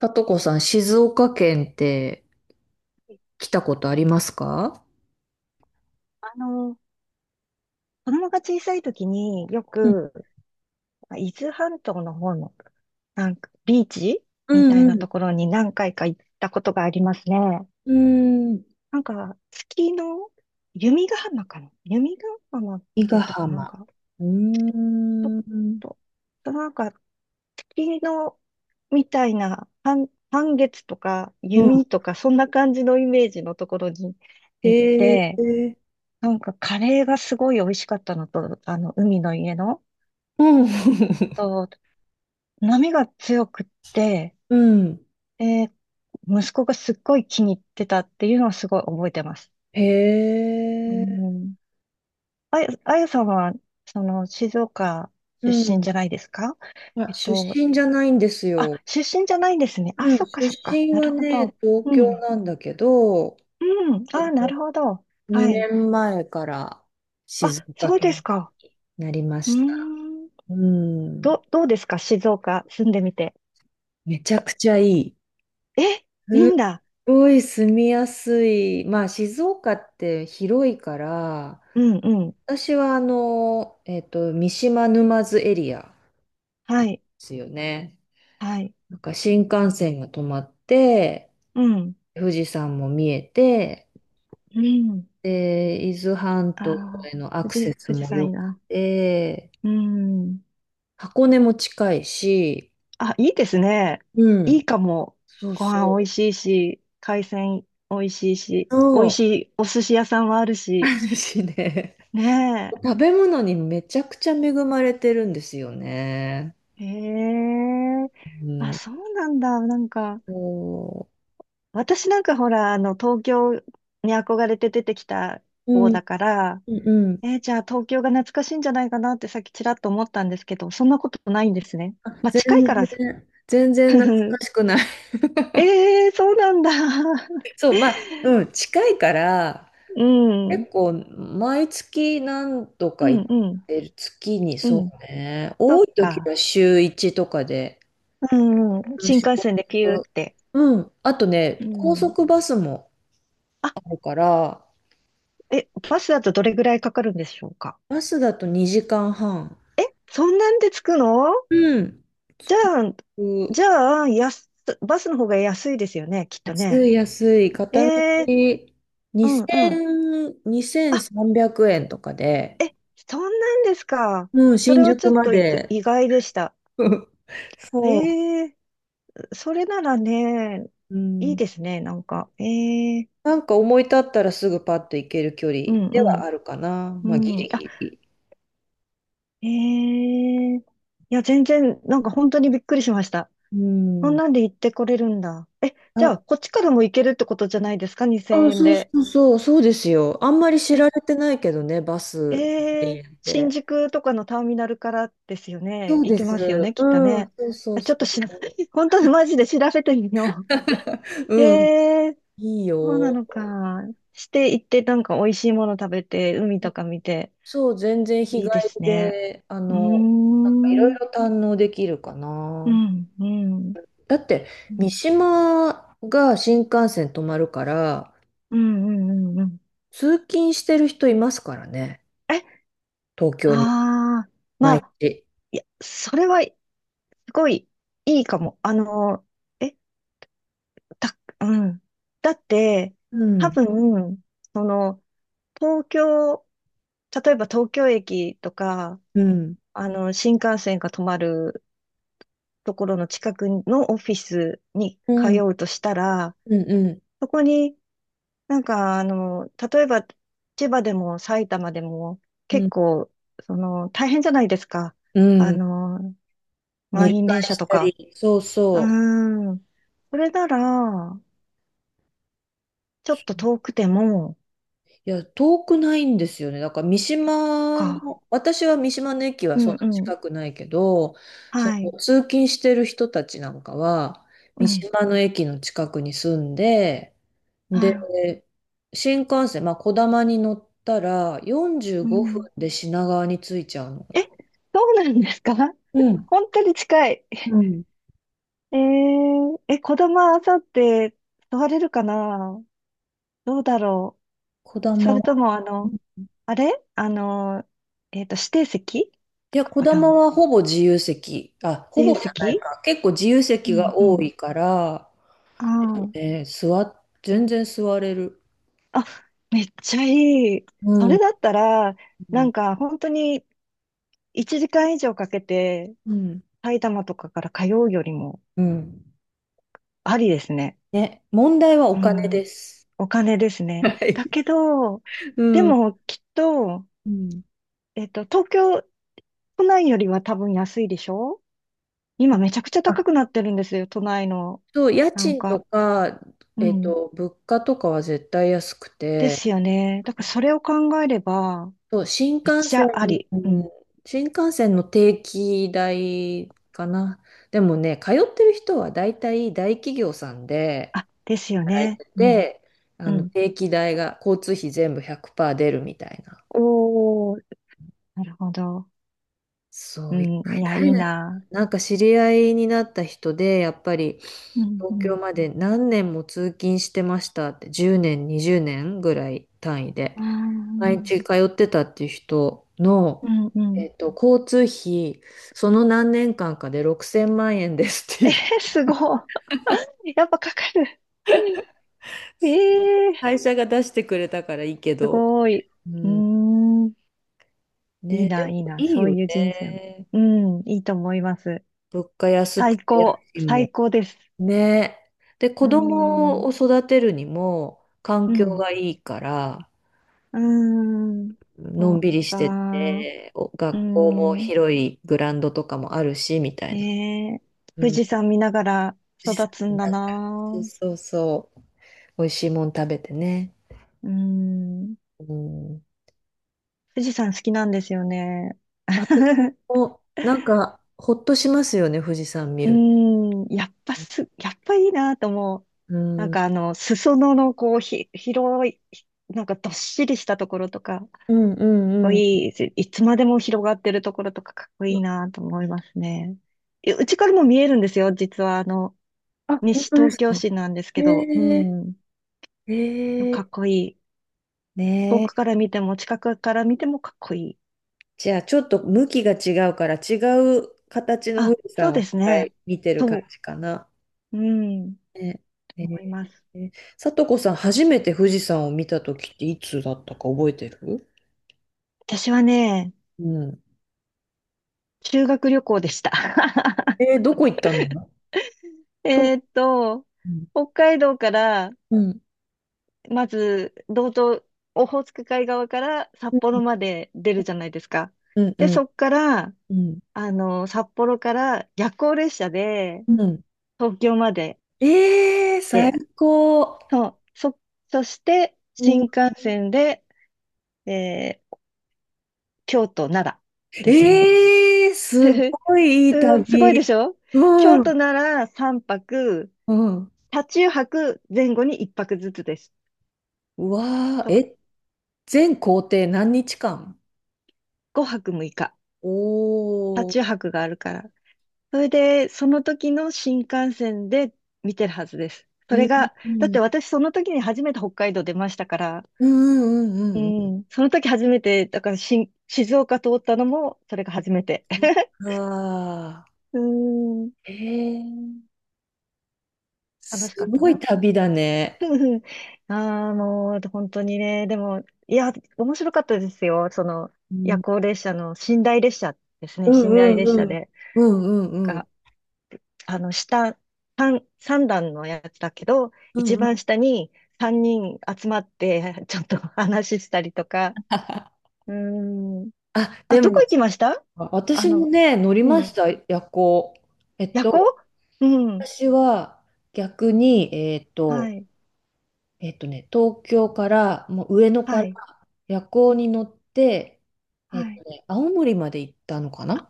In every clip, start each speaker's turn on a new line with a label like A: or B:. A: さとこさん、静岡県って来たことありますか？
B: あの、子供が小さい時によ
A: うん
B: く、伊豆半島の方の、なんか、ビーチ
A: う
B: みたいな
A: ん
B: ところに何回か行ったことがありますね。
A: うん。うーん。
B: なんか、月の、弓ヶ浜かな、弓ヶ浜っ
A: 伊
B: て
A: 賀
B: いうとこなん
A: 浜。
B: か、
A: うー
B: ちょっ
A: ん。
B: と、なんか、月の、みたいな、半月とか、
A: うん。
B: 弓とか、そんな感じのイメージのところに行っ
A: へ
B: て、
A: え。
B: なんか、カレーがすごい美味しかったのと、あの、海の家の、
A: うん。
B: と、波が強くって、
A: うん。
B: で、息子がすっごい気に入ってたっていうのはすごい覚えてます。
A: へ
B: う
A: え。
B: ん。あやさんは、その、静岡
A: う
B: 出身
A: ん。
B: じゃないですか？
A: ま
B: え
A: あ、
B: っ
A: 出
B: と、
A: 身じゃないんです
B: あ、
A: よ。
B: 出身じゃないんですね。あ、
A: うん。
B: そっか
A: 出
B: そっか。
A: 身
B: な
A: は
B: るほ
A: ね、
B: ど。
A: 東
B: う
A: 京
B: ん。
A: なんだけど、
B: うん。
A: え
B: あ、
A: っ
B: なる
A: と、
B: ほど。は
A: 2
B: い。
A: 年前から
B: あ、
A: 静岡
B: そうです
A: 県
B: か。
A: になりま
B: うー
A: した。
B: ん。
A: うん。
B: どうですか、静岡住んでみて？
A: めちゃくちゃいい。
B: え、
A: す
B: いいん
A: っ
B: だ。
A: ごい住みやすい。まあ、静岡って広いから、
B: うんうん。
A: 私は三島沼津エリアで
B: はい。
A: すよね。
B: はい。
A: なんか新幹線が止まって、
B: うん。
A: 富士山も見えて、
B: うん。
A: で、伊豆半
B: あ
A: 島へ
B: あ、
A: のアクセス
B: 富士
A: も
B: 山い
A: 良
B: い
A: く
B: な。
A: て、
B: うん。
A: 箱根も近いし、
B: あ、いいですね。
A: う
B: い
A: ん、
B: いかも。
A: そう
B: ご
A: そ
B: 飯美
A: う。
B: 味しいし、海鮮美味しいし、美
A: そ
B: 味
A: う、
B: しいお寿司屋さんもある
A: あ
B: し。
A: るしね。
B: ね
A: 食べ物にめちゃくちゃ恵まれてるんですよね。
B: え。へえ。
A: う
B: あ、
A: ん。
B: そうなんだ。なんか、
A: そ
B: 私なんかほら、あの、東京に憧れて出てきた
A: う。
B: 方
A: うん、
B: だから、
A: うんうん。
B: じゃあ東京が懐かしいんじゃないかなってさっきちらっと思ったんですけど、そんなことないんですね。
A: あ、
B: まあ、
A: 全
B: 近いから。
A: 然、全然懐かし くない。
B: ええー、そうなんだ。
A: そう、まあ、うん、近いから、
B: うん、うん、
A: 結構、毎月何度
B: う
A: か行っ
B: ん、
A: てる。月に、
B: う
A: そ
B: ん。
A: うね。
B: そ
A: 多
B: っ
A: い時は
B: か。
A: 週1とかで。
B: うん、うん。
A: うん。
B: 新
A: 週
B: 幹
A: ろ
B: 線で
A: く。
B: ピューって。
A: うん。あと
B: う
A: ね、高
B: ん。
A: 速バスも
B: あ、
A: あるから、
B: バスだとどれぐらいかかるんでしょうか？
A: バスだと2時間半。
B: そんなんで着くの？
A: うん。着
B: じゃ
A: く。
B: あ、じゃあ、やすバスの方が安いですよね、きっと
A: 安
B: ね。
A: い安い。
B: え
A: 片道
B: えうんうん。
A: 2000、
B: あ、
A: 2300円とかで、
B: そんなんですか。
A: うん、
B: それ
A: 新
B: はち
A: 宿
B: ょっ
A: ま
B: と
A: で。
B: 意外でした。
A: そ
B: ええそれならね、
A: う。う
B: いい
A: ん。
B: ですね、なんか。ええ
A: なんか思い立ったらすぐパッと行ける距離
B: うん
A: で
B: う
A: はあるかな。まあ、ギ
B: ん。うん。
A: リ
B: あ、
A: ギリ。
B: ええいや、全然、なんか本当にびっくりしました。
A: う
B: こん
A: ん。
B: なんで行ってこれるんだ。え、じゃ
A: あ、
B: あ、こっちからも行けるってことじゃないですか？ 2000
A: あ、
B: 円
A: そうそ
B: で。
A: うそう、そうですよ。あんまり知
B: え、
A: られてないけどね、バス2
B: ええ
A: 0っ
B: 新
A: て。
B: 宿とかのターミナルからですよ
A: そ
B: ね。
A: う
B: 行
A: で
B: けますよ
A: す。
B: ね、きっと
A: うん、
B: ね。
A: そうそう
B: あ、ち
A: そ
B: ょっとしら、
A: う。
B: 本当にマジで調べてみよう。
A: うん、
B: ええ
A: いい
B: そうな
A: よ。
B: のか。して行って、なんか美味しいもの食べて、海とか見て、
A: そう、全然日
B: い
A: 帰
B: いです
A: り
B: ね。
A: で、
B: うー
A: なんかいろい
B: ん、
A: ろ堪能できるか
B: う
A: な。
B: ん、うん。
A: だって、
B: う
A: 三
B: ん
A: 島が新幹線止まるから、
B: うんうんうんうん。
A: 通勤してる人いますからね、
B: え、
A: 東京に、
B: ああ、ま
A: 毎
B: あ、
A: 日。
B: いや、それは、すごい、いいかも。あの、え、うん。だって、
A: う
B: 多
A: ん、
B: 分、その、東京、例えば東京駅とか、
A: うん、
B: あの、新幹線が止まるところの近くのオフィスに
A: う
B: 通
A: ん、
B: うとしたら、
A: うん、うん、
B: そこになんか、あの、例えば、千葉でも埼玉でも、
A: う
B: 結
A: ん、
B: 構、その、大変じゃないですか。
A: う
B: あ
A: ん。
B: の、
A: 乗り
B: 満員電
A: 換え
B: 車
A: し
B: と
A: た
B: か。
A: り、そう
B: う
A: そう。
B: ーん。それなら、ちょっと遠くても、
A: いや、遠くないんですよね。だから三島
B: か。
A: の、私は三島の駅は
B: う
A: そ
B: ん
A: んな
B: うん。
A: 近くないけど、そ
B: は
A: の
B: い。
A: 通勤してる人たちなんかは、
B: う
A: 三
B: ん。
A: 島の駅の近くに住んで、
B: はい。
A: で、新幹線、まあ、こだまに乗ったら45
B: う
A: 分
B: ん。
A: で品川に着いちゃうの。
B: え、そうなんですか？
A: う ん、
B: 本当に近い。
A: うん。
B: 子供は朝って座れるかな？どうだろ
A: こだ
B: う？そ
A: ま。
B: れとも、あの、あれあの、えっと、指定席
A: い
B: と
A: や、
B: か
A: こ
B: か
A: だま
B: な？
A: はほぼ自由席。あ、ほ
B: 指
A: ぼ
B: 定
A: じゃない
B: 席、
A: か。結構自由
B: う
A: 席
B: ん
A: が
B: う
A: 多
B: ん。
A: いから、
B: ああ。
A: えー座っ、全然座れる。
B: あ、めっちゃいい。
A: う
B: それ
A: ん
B: だったら、
A: う
B: な
A: ん。
B: んか本当に1時間以上かけて
A: うん
B: 埼玉とかから通うよりも
A: うん。
B: ありですね。
A: ね、問題は
B: う
A: お金で
B: ん、
A: す。
B: お金です
A: は
B: ね。だ
A: い。
B: けど、
A: う
B: で
A: ん。
B: もきっと、
A: うん。
B: 東京都内よりは多分安いでしょ？今めちゃくちゃ
A: あ、
B: 高くなってるんですよ、都内の。
A: そう、家
B: なん
A: 賃と
B: か、
A: か、
B: うん。
A: 物価とかは絶対安く
B: で
A: て、
B: すよね。だからそれを考えれば、
A: そう、新
B: めっ
A: 幹
B: ち
A: 線、
B: ゃあり。
A: う
B: う
A: ん
B: ん。
A: 新幹線の定期代かな。でもね、通ってる人は大体大企業さんで
B: あ、ですよ
A: 働い
B: ね。
A: て
B: うん。
A: て、
B: う
A: あの
B: ん。
A: 定期代が交通費全部100%出るみたいな。
B: おー、なるほど。
A: そ
B: う
A: う、一回
B: ん、いや、い
A: 誰
B: い
A: だ、
B: な。
A: なんか知り合いになった人で、やっぱり
B: うんう
A: 東京
B: ん。
A: まで何年も通勤してましたって、10年、20年ぐらい単位
B: あ
A: で、
B: ー、
A: 毎日通ってたっていう人の、
B: うんうん。
A: 交通費、その何年間かで6000万円ですっていう、
B: すごい。やっぱかかる。え
A: その
B: えー、
A: 会社が出してくれたからいいけ
B: す
A: ど、
B: ごい。
A: う
B: うー
A: ん、
B: ん、いい
A: ね、で
B: な、
A: も
B: いいな。
A: いい
B: そう
A: よ
B: いう人生も。
A: ね。
B: うん、いいと思います。
A: 物価安く
B: 最
A: て家
B: 高、
A: 賃も
B: 最高です。
A: ね。で、
B: う
A: 子
B: ー
A: 供
B: ん、
A: を育てるにも環
B: う
A: 境
B: ん、
A: がいいから、
B: うーん、
A: の
B: そ
A: ん
B: う
A: びりして
B: か。
A: て、お
B: うー
A: 学校も
B: ん、
A: 広いグラウンドとかもあるし、みたいな。
B: ねえ、富
A: うん。
B: 士山見ながら
A: 富士山
B: 育つん
A: 見
B: だ
A: ながらそう
B: な。
A: そうそう。美味しいもん食べてね。
B: うーん。
A: うん。
B: 富士山好きなんですよね。
A: あ、お、なんか、ほっとしますよね、富士山見
B: う
A: る。
B: ーん、やっぱいいなと思う。
A: う
B: なん
A: ん。う
B: かあの、裾野のこう、広い、なんかどっしりしたところとか、かっ
A: んうん
B: こ
A: うん。
B: いいし、いつまでも広がってるところとかかっこいいなと思いますね。うちからも見えるんですよ、実はあの、
A: あ、本
B: 西
A: 当で
B: 東
A: す
B: 京
A: か？
B: 市なんです
A: へ
B: けど、う
A: え、
B: ん、
A: へ
B: かっ
A: え、
B: こいい。遠
A: ね
B: くか
A: え。
B: ら見ても近くから見てもかっこいい。
A: じゃあ、ちょっと向きが違うから、違う形の富
B: あ、
A: 士
B: そう
A: 山を
B: で
A: 一
B: す
A: 回
B: ね。
A: 見てる感
B: そ
A: じかな。
B: う、うん、
A: ねえ
B: 思います。
A: ー、さとこさん、初めて富士山を見たときっていつだったか覚えてる？
B: 私はね、
A: うん。
B: 修学旅行でした。
A: えー、どこ行ったの？と、
B: えーっと、
A: うん
B: 北海道から、
A: うん、
B: まず、道東、オホーツク海側から
A: う
B: 札
A: ん、
B: 幌まで出るじゃないですか。
A: うん、う
B: で、そ
A: ん、
B: っから、
A: うん。
B: あの、札幌から夜行列車で
A: うん。
B: 東京まで。
A: えー、最
B: で、
A: 高。
B: そう、そして
A: う
B: 新
A: ん、
B: 幹線で、えー京都、奈良ですね。
A: えー、すごいいい
B: す、すごい
A: 旅。
B: でしょ？
A: う
B: 京
A: ん、
B: 都、奈良3泊、
A: うん。
B: 車中泊前後に1泊ずつです。
A: うわー、
B: と、
A: え、全行程何日間？
B: 5泊6日。車
A: お。
B: 中泊があるから。それで、その時の新幹線で見てるはずです。そ
A: うん
B: れが、
A: う
B: だっ
A: ん
B: て私その時に初めて北海道出ましたから、
A: うん
B: う
A: うんうん
B: ん、その時初めて、だから新静岡通ったのも、それが初めて。
A: うん。 あ
B: うーん、
A: あ、へえ、
B: 楽
A: す
B: しかった
A: ごい
B: な。
A: 旅だね。
B: ああ、もう、本当にね、でも、いや、面白かったですよ。その、
A: う
B: 夜
A: ん、
B: 行列車の寝台列車ですね。
A: うん
B: 寝
A: う
B: 台
A: ん
B: 列
A: う
B: 車
A: ん。
B: で。
A: うんうんうん。
B: あの、三段のやつだけど、
A: うん
B: 一
A: うん。
B: 番下に三人集まって、ちょっと話したりとか。うーん。
A: あ、
B: あ、
A: で
B: どこ
A: も、
B: 行きました？あ
A: 私も
B: の、
A: ね、乗りま
B: う
A: し
B: ん。
A: た、夜行。えっ
B: 夜行。
A: と、
B: うん。
A: 私は逆に、
B: はい。
A: 東京から、もう上野か
B: は
A: ら
B: い。
A: 夜行に乗って、
B: はい。
A: 青森まで行ったのか
B: あ、
A: な？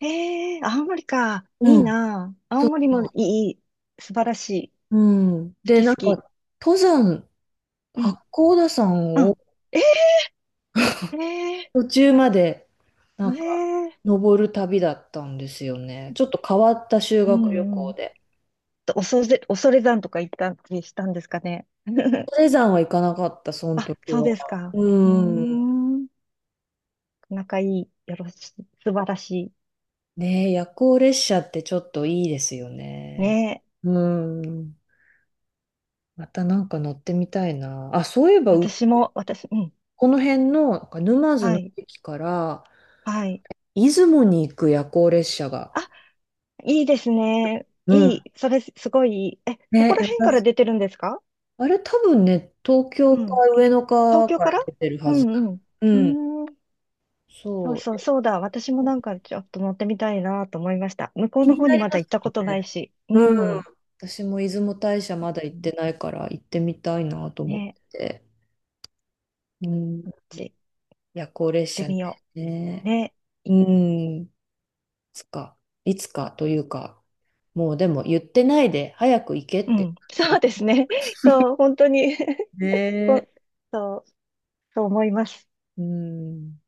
B: ええー、青森か。い
A: う
B: い
A: ん。
B: な。青
A: そう
B: 森
A: そ
B: も
A: う。
B: いい。いい、素晴らしい。
A: うん。
B: 好
A: で、
B: き
A: な
B: 好
A: んか、
B: き。
A: 登山、
B: う
A: 八
B: ん。
A: 甲田山
B: う
A: を
B: ん。ええーえ
A: 途中まで、なんか、
B: え
A: 登る旅だったんですよね。ちょっと変わった修
B: ーう
A: 学旅
B: んう
A: 行
B: ん。
A: で。
B: と、恐山とか行ったりしたんですかね？
A: 登 山は行かなかった、その
B: あ、
A: 時
B: そう
A: は。
B: ですか。うー
A: うん。
B: ん。仲いい。よろしい。素晴らし
A: ねえ、夜行列車ってちょっといいですよ
B: い。
A: ね。
B: ねえ。
A: うん。またなんか乗ってみたいな。あ、そういえば、
B: 私も、うん。
A: この辺のなんか沼津
B: は
A: の
B: い。
A: 駅から
B: はい。
A: 出雲に行く夜行列車が。
B: あ、いいですね。
A: う
B: い
A: ん。
B: い。それ、すごいいい。え、そこ
A: ね、
B: ら辺から出てるんですか？
A: あれ多分ね、東京
B: う
A: か
B: ん。
A: 上野
B: 東
A: か
B: 京
A: か
B: か
A: ら
B: ら。
A: 出てる
B: う
A: はず
B: ん
A: だ。
B: う
A: うん。
B: ん。うーん。そう
A: そ
B: そ
A: う。
B: う、そうだ。私もなんかちょっと乗ってみたいなと思いました。向こう
A: 気
B: の
A: に
B: 方
A: な
B: に
A: り
B: ま
A: ま
B: だ行っ
A: す
B: たこ
A: よ
B: とない
A: ね。
B: し。う
A: うん。
B: ん。
A: 私も出雲大社まだ行ってないから行ってみたいなと思っ
B: ね、
A: てて。うん。
B: こっち行っ
A: 夜行列
B: て
A: 車ね。
B: みよう。
A: ね。
B: ねい
A: うん。いつか、いつかというか、もうでも言ってないで早く行け
B: う
A: って
B: ん。
A: 感じ
B: そ
A: だ
B: うですね。そう、本当に こ、
A: ね。
B: そう、そう思います。
A: うん。